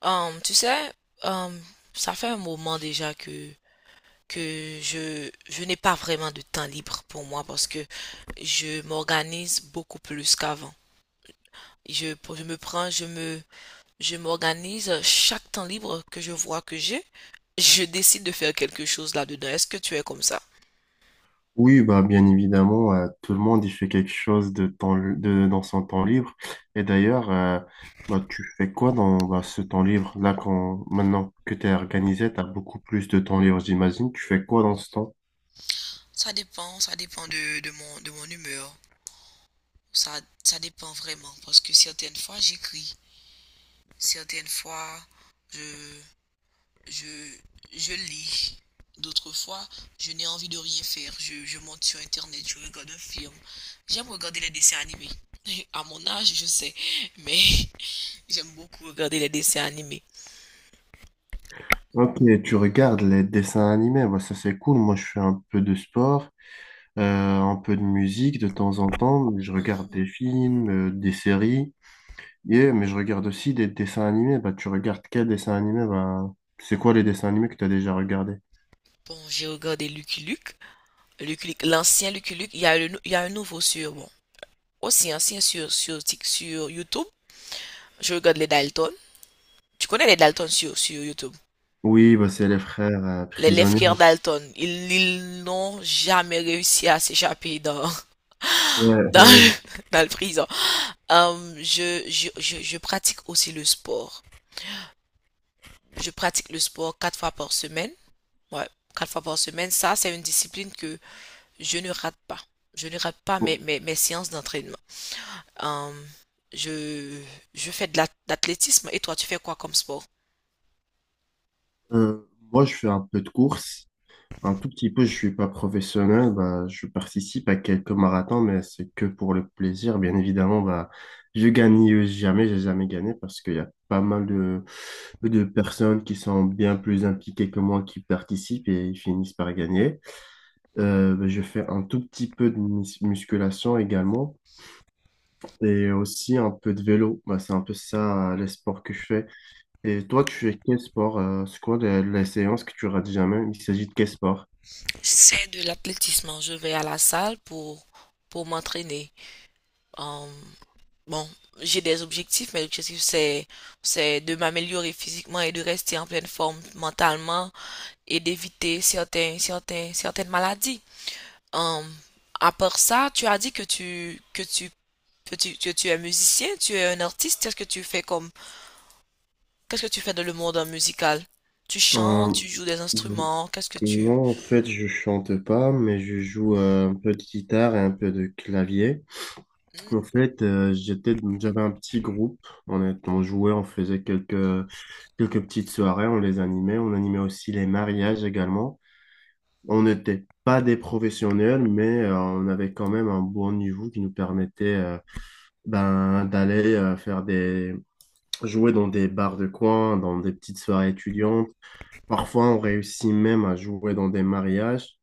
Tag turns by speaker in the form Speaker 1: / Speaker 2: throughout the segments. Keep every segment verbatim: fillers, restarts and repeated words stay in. Speaker 1: Hum, tu sais, hum, Ça fait un moment déjà que, que je, je n'ai pas vraiment de temps libre pour moi parce que je m'organise beaucoup plus qu'avant. Je, je me prends, je me, je m'organise chaque temps libre que je vois que j'ai, je décide de faire quelque chose là-dedans. Est-ce que tu es comme ça?
Speaker 2: Oui, bah, bien évidemment, euh, tout le monde y fait quelque chose de temps, de, dans son temps libre. Et d'ailleurs, euh, bah, tu fais quoi dans bah, ce temps libre? Là, quand, maintenant que tu es organisé, tu as beaucoup plus de temps libre, j'imagine. Tu fais quoi dans ce temps?
Speaker 1: Ça dépend, ça dépend de, de mon, de mon humeur. Ça, ça dépend vraiment parce que certaines fois j'écris, certaines fois je, je, je lis. D'autres fois, je n'ai envie de rien faire. Je, je monte sur Internet, je regarde un film. J'aime regarder les dessins animés. À mon âge, je sais, mais j'aime beaucoup regarder les dessins animés.
Speaker 2: Ok, tu regardes les dessins animés, bah, ça c'est cool. Moi, je fais un peu de sport, euh, un peu de musique de temps en temps. Je regarde
Speaker 1: Mhm.
Speaker 2: des films, euh, des séries, et, mais je regarde aussi des dessins animés. Bah, tu regardes quels dessins animés? Bah, c'est quoi les dessins animés que tu as déjà regardés?
Speaker 1: Bon, j'ai regardé Lucky Luke, Lucky Luke, l'ancien Lucky Luke. Il y a le nou- il y a un nouveau sur, bon, aussi ancien sur, sur, Tik- sur YouTube. Je regarde les Dalton. Tu connais les Dalton sur, sur YouTube?
Speaker 2: Oui, bah, c'est les frères euh,
Speaker 1: Les, les
Speaker 2: prisonniers,
Speaker 1: frères
Speaker 2: hein.
Speaker 1: Dalton, ils, ils n'ont jamais réussi à s'échapper dans,
Speaker 2: Ouais,
Speaker 1: dans,
Speaker 2: ouais. Je-
Speaker 1: dans le prison. Euh, je, je, je, je pratique aussi le sport. Je pratique le sport quatre fois par semaine. Ouais, quatre fois par semaine. Ça, c'est une discipline que je ne rate pas. Je ne rate pas mes,
Speaker 2: bon,
Speaker 1: mes, mes séances d'entraînement. Euh, je, je fais de l'athlétisme. Et toi, tu fais quoi comme sport?
Speaker 2: euh, moi, je fais un peu de course, un tout petit peu. Je suis pas professionnel. Bah, je participe à quelques marathons, mais c'est que pour le plaisir. Bien évidemment, bah, je gagne jamais. J'ai jamais gagné parce qu'il y a pas mal de, de personnes qui sont bien plus impliquées que moi qui participent et ils finissent par gagner. Euh, bah, je fais un tout petit peu de mus- musculation également. Et aussi un peu de vélo. Bah, c'est un peu ça, euh, les sports que je fais. Et toi, tu fais quel sport? Euh, c'est quoi les, les séances que tu rates jamais? Il s'agit de quel sport?
Speaker 1: C'est de l'athlétisme. Je vais à la salle pour, pour m'entraîner. Euh, Bon, j'ai des objectifs, mes objectifs c'est c'est de m'améliorer physiquement et de rester en pleine forme mentalement et d'éviter certains certains certaines maladies. Hum, à part ça, tu as dit que tu que tu que tu, que tu es musicien, tu es un artiste. Qu'est-ce que tu fais comme qu'est-ce que tu fais dans le monde euh, musical? Tu chantes, tu
Speaker 2: Euh,
Speaker 1: joues des instruments. Qu'est-ce que tu…
Speaker 2: non, en fait, je chante pas, mais je joue euh, un peu de guitare et un peu de clavier. En fait, euh, j'étais, j'avais un petit groupe. On, est- on jouait, on faisait quelques, quelques petites soirées, on les animait. On animait aussi les mariages également. On n'était pas des professionnels, mais euh, on avait quand même un bon niveau qui nous permettait euh, ben, d'aller euh, faire des jouer dans des bars de coin, dans des petites soirées étudiantes. Parfois, on réussit même à jouer dans des mariages.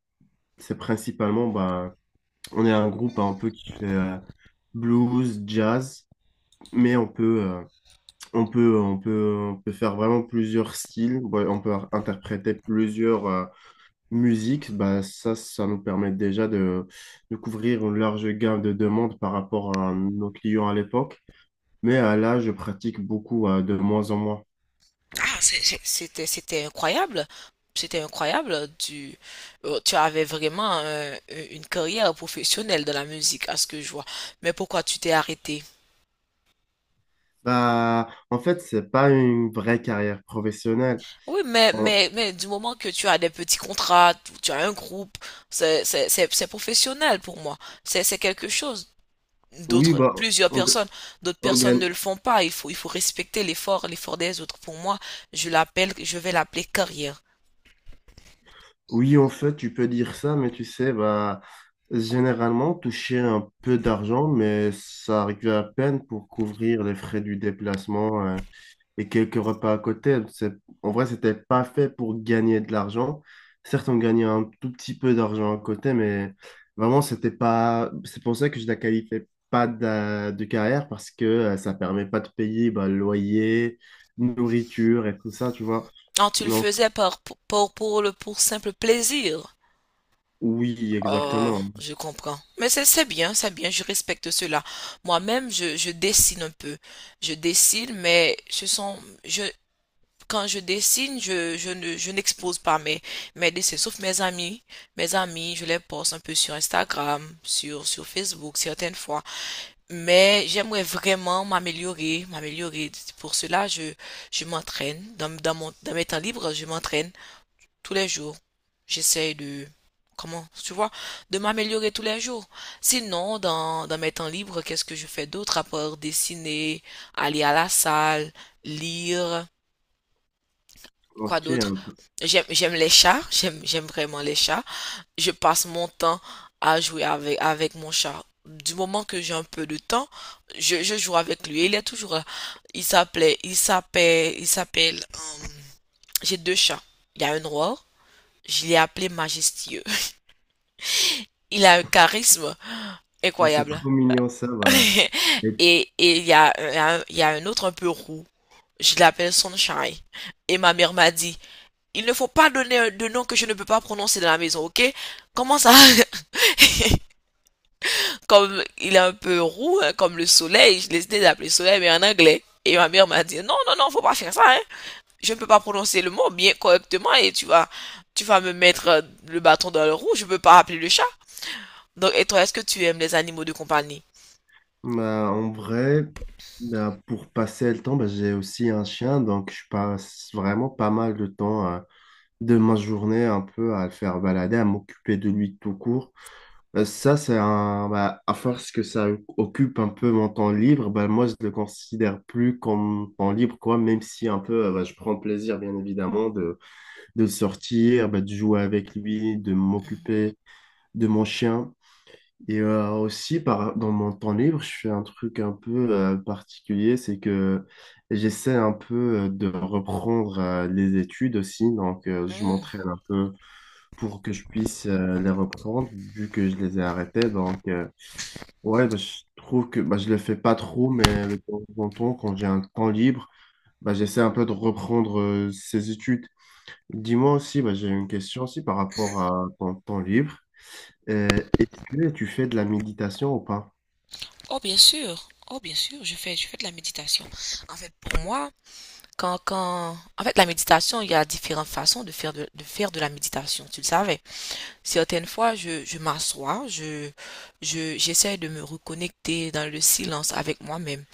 Speaker 2: C'est principalement, bah, on est un groupe un peu qui fait euh, blues, jazz, mais on peut, euh, on peut, on peut, on peut faire vraiment plusieurs styles. Ouais, on peut interpréter plusieurs euh, musiques. Bah, ça, ça nous permet déjà de, de couvrir une large gamme de demandes par rapport à nos clients à l'époque. Mais euh, là, je pratique beaucoup euh, de moins en moins.
Speaker 1: Ah, c'est- c'est- c'était, c'était incroyable. C'était incroyable. Tu, euh, tu avais vraiment un- une carrière professionnelle dans la musique, à ce que je vois. Mais pourquoi tu t'es arrêté?
Speaker 2: Bah, en fait, c'est pas une vraie carrière professionnelle.
Speaker 1: Oui, mais,
Speaker 2: On-
Speaker 1: mais, mais du moment que tu as des petits contrats, tu tu as un groupe, c'est, c'est, c'est, c'est professionnel pour moi. C'est, c'est quelque chose.
Speaker 2: oui,
Speaker 1: D'autres,
Speaker 2: bah,
Speaker 1: plusieurs
Speaker 2: on,
Speaker 1: personnes, d'autres
Speaker 2: on
Speaker 1: personnes ne
Speaker 2: gagne.
Speaker 1: le font pas. Il faut, il faut respecter l'effort, l'effort des autres. Pour moi, je l'appelle, je vais l'appeler carrière.
Speaker 2: Oui, en fait, tu peux dire ça, mais tu sais, bah, généralement, toucher un peu d'argent, mais ça arrive à peine pour couvrir les frais du déplacement, euh, et quelques repas à côté, hein. C'est- En vrai, c'était pas fait pour gagner de l'argent. Certes, on gagnait un tout petit peu d'argent à côté, mais vraiment, c'était pas. C'est pour ça que je la qualifiais pas d'a- de, carrière parce que euh, ça permet pas de payer bah, le loyer, nourriture et tout ça, tu vois.
Speaker 1: Ah, tu le
Speaker 2: Non,
Speaker 1: faisais par, pour, pour, pour le, pour simple plaisir.
Speaker 2: oui,
Speaker 1: Oh,
Speaker 2: exactement.
Speaker 1: je comprends. Mais c'est c'est bien, c'est bien, je respecte cela. Moi-même, je, je dessine un peu. Je dessine, mais ce sont, je, quand je dessine, je, je ne, je n'expose pas mes, mes dessins, sauf mes amis. Mes amis, je les poste un peu sur Instagram, sur, sur Facebook, certaines fois. Mais j'aimerais vraiment m'améliorer, m'améliorer. Pour cela, je, je m'entraîne. Dans, dans mon, dans mes temps libres, je m'entraîne tous les jours. J'essaye de, comment, tu vois, de m'améliorer tous les jours. Sinon, dans, dans mes temps libres, qu'est-ce que je fais d'autre à part dessiner, aller à la salle, lire, quoi
Speaker 2: Ok,
Speaker 1: d'autre?
Speaker 2: un peu.
Speaker 1: J'aime, j'aime les chats, j'aime, j'aime vraiment les chats. Je passe mon temps à jouer avec, avec mon chat. Du moment que j'ai un peu de temps, je, je joue avec lui. Il est toujours là. Il s'appelait, il s'appelle, il s'appelle, euh, j'ai deux chats. Il y a un noir, je l'ai appelé Majestueux. Il a un charisme
Speaker 2: Ah, c'est
Speaker 1: incroyable.
Speaker 2: trop mignon ça. Bah.
Speaker 1: et et il y a, un- il y a un autre un peu roux. Je l'appelle Sunshine. Et ma mère m'a dit, il ne faut pas donner un- de nom que je ne peux pas prononcer dans la maison, ok? Comment ça? Comme il est un peu roux, hein, comme le soleil, je l'ai décidé d'appeler soleil, mais en anglais. Et ma mère m'a dit, non, non, non, faut pas faire ça, hein. Je ne peux pas prononcer le mot bien correctement et tu vas, tu vas me mettre euh, le bâton dans le roux, je peux pas appeler le chat. Donc, et toi, est-ce que tu aimes les animaux de compagnie?
Speaker 2: Bah, en vrai, bah, pour passer le temps, bah, j'ai aussi un chien, donc je passe vraiment pas mal de temps euh, de ma journée un peu à le faire balader, à m'occuper de lui tout court. Euh, ça, c'est un, bah, à force que ça occupe un peu mon temps libre, bah, moi, je le considère plus comme temps libre, quoi, même si un peu, euh, bah, je prends plaisir, bien évidemment, de, de sortir, bah, de jouer avec lui, de m'occuper de mon chien. Et euh, aussi, par, dans mon temps libre, je fais un truc un peu euh, particulier, c'est que j'essaie un peu euh, de reprendre euh, les études aussi, donc euh, je
Speaker 1: Hmm.
Speaker 2: m'entraîne un peu pour que je puisse euh, les reprendre, vu que je les ai arrêtées. Donc, euh, ouais, bah, je trouve que bah, je le fais pas trop, mais de temps en temps, quand j'ai un temps libre, bah, j'essaie un peu de reprendre euh, ces études. Dis-moi aussi, bah, j'ai une question aussi par rapport à ton temps libre. Euh, est-ce que tu fais de la méditation ou pas?
Speaker 1: Oh, bien sûr. Oh, bien sûr, je fais, je fais de la méditation. En fait, pour moi, quand, quand, en fait, la méditation, il y a différentes façons de faire de, de faire de la méditation, tu le savais. Certaines fois, je, je m'assois, je, je, j'essaie de me reconnecter dans le silence avec moi-même.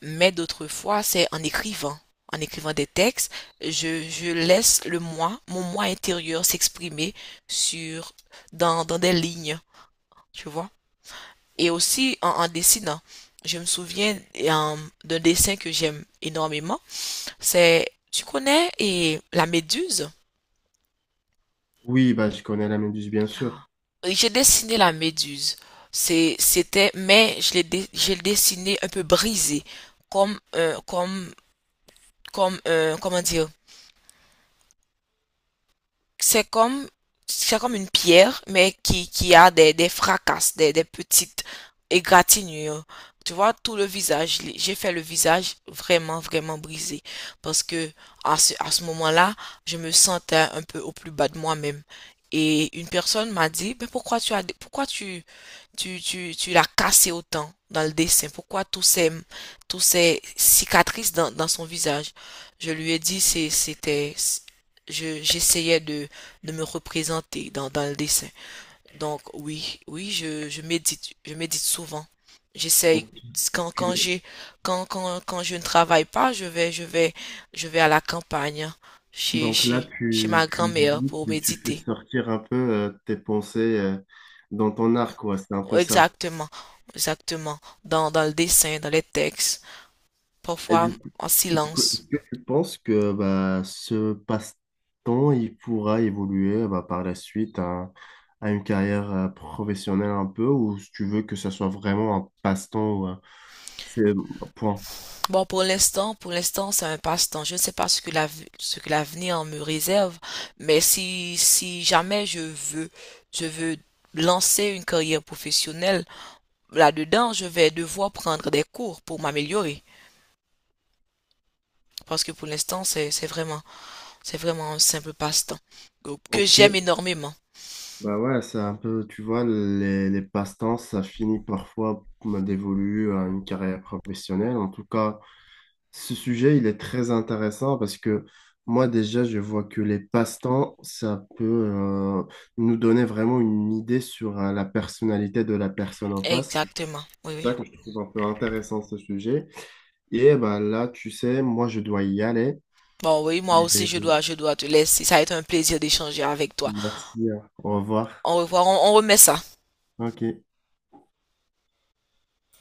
Speaker 1: Mais d'autres fois, c'est en écrivant. En écrivant des textes, je, je laisse le moi, mon moi intérieur s'exprimer sur, dans, dans des lignes, tu vois. Et aussi, en, en dessinant, je me souviens euh, d'un dessin que j'aime énormément. C'est, tu connais, et la méduse.
Speaker 2: Oui, bah, je connais la Méduse, bien sûr.
Speaker 1: Oui, j'ai dessiné la méduse. C'est, c'était, mais je l'ai, dé- je l'ai dessiné un peu brisé, comme, un- comme, comme, un- comment dire, c'est comme c'est comme une pierre, mais qui, qui a des, des fracasses, des, des petites égratignures. Tu vois, tout le visage, j'ai fait le visage vraiment, vraiment brisé. Parce que à ce, à ce moment-là, je me sentais un peu au plus bas de moi-même. Et une personne m'a dit, mais pourquoi tu as, pourquoi tu, tu, tu, tu l'as cassé autant dans le dessin? Pourquoi tous ces, tous ces cicatrices dans, dans son visage? Je lui ai dit, c'est, c'était, je, j'essayais de de me représenter dans, dans le dessin. Donc oui, oui, je, je médite, je médite souvent. J'essaye
Speaker 2: Donc,
Speaker 1: quand quand
Speaker 2: tu-
Speaker 1: j'ai quand, quand quand je ne travaille pas, je vais je vais je vais à la campagne hein, chez
Speaker 2: donc là,
Speaker 1: chez chez ma
Speaker 2: tu, tu
Speaker 1: grand-mère
Speaker 2: médites
Speaker 1: pour
Speaker 2: et tu fais
Speaker 1: méditer.
Speaker 2: sortir un peu euh, tes pensées euh, dans ton art, quoi. C'est un peu ça.
Speaker 1: Exactement, exactement dans dans le dessin, dans les textes,
Speaker 2: Et
Speaker 1: parfois
Speaker 2: du coup,
Speaker 1: en
Speaker 2: et du coup,
Speaker 1: silence.
Speaker 2: est-ce que tu penses que bah, ce passe-temps, il pourra évoluer bah, par la suite à, à une carrière euh, professionnelle un peu, ou si tu veux que ça soit vraiment un passe-temps ou un- c'est point.
Speaker 1: Bon, pour l'instant, pour l'instant, c'est un passe-temps. Je ne sais pas ce que la, ce que l'avenir me réserve, mais si, si jamais je veux, je veux lancer une carrière professionnelle là-dedans, je vais devoir prendre des cours pour m'améliorer. Parce que pour l'instant, c'est, c'est vraiment, c'est vraiment un simple passe-temps que j'aime
Speaker 2: Ok.
Speaker 1: énormément.
Speaker 2: Bah ouais, c'est un peu, tu vois, les, les passe-temps, ça finit parfois me dévolu à une carrière professionnelle. En tout cas, ce sujet, il est très intéressant parce que moi, déjà, je vois que les passe-temps, ça peut euh, nous donner vraiment une idée sur euh, la personnalité de la personne en face.
Speaker 1: Exactement. Oui,
Speaker 2: C'est ça
Speaker 1: oui.
Speaker 2: que je trouve un peu intéressant, ce sujet. Et bah là, tu sais, moi, je dois y aller.
Speaker 1: Bon, oui, moi
Speaker 2: Et
Speaker 1: aussi, je dois, je dois te laisser. Ça a été un plaisir d'échanger avec toi.
Speaker 2: merci, hein. Au revoir.
Speaker 1: Au revoir, on, on remet ça.
Speaker 2: Ok.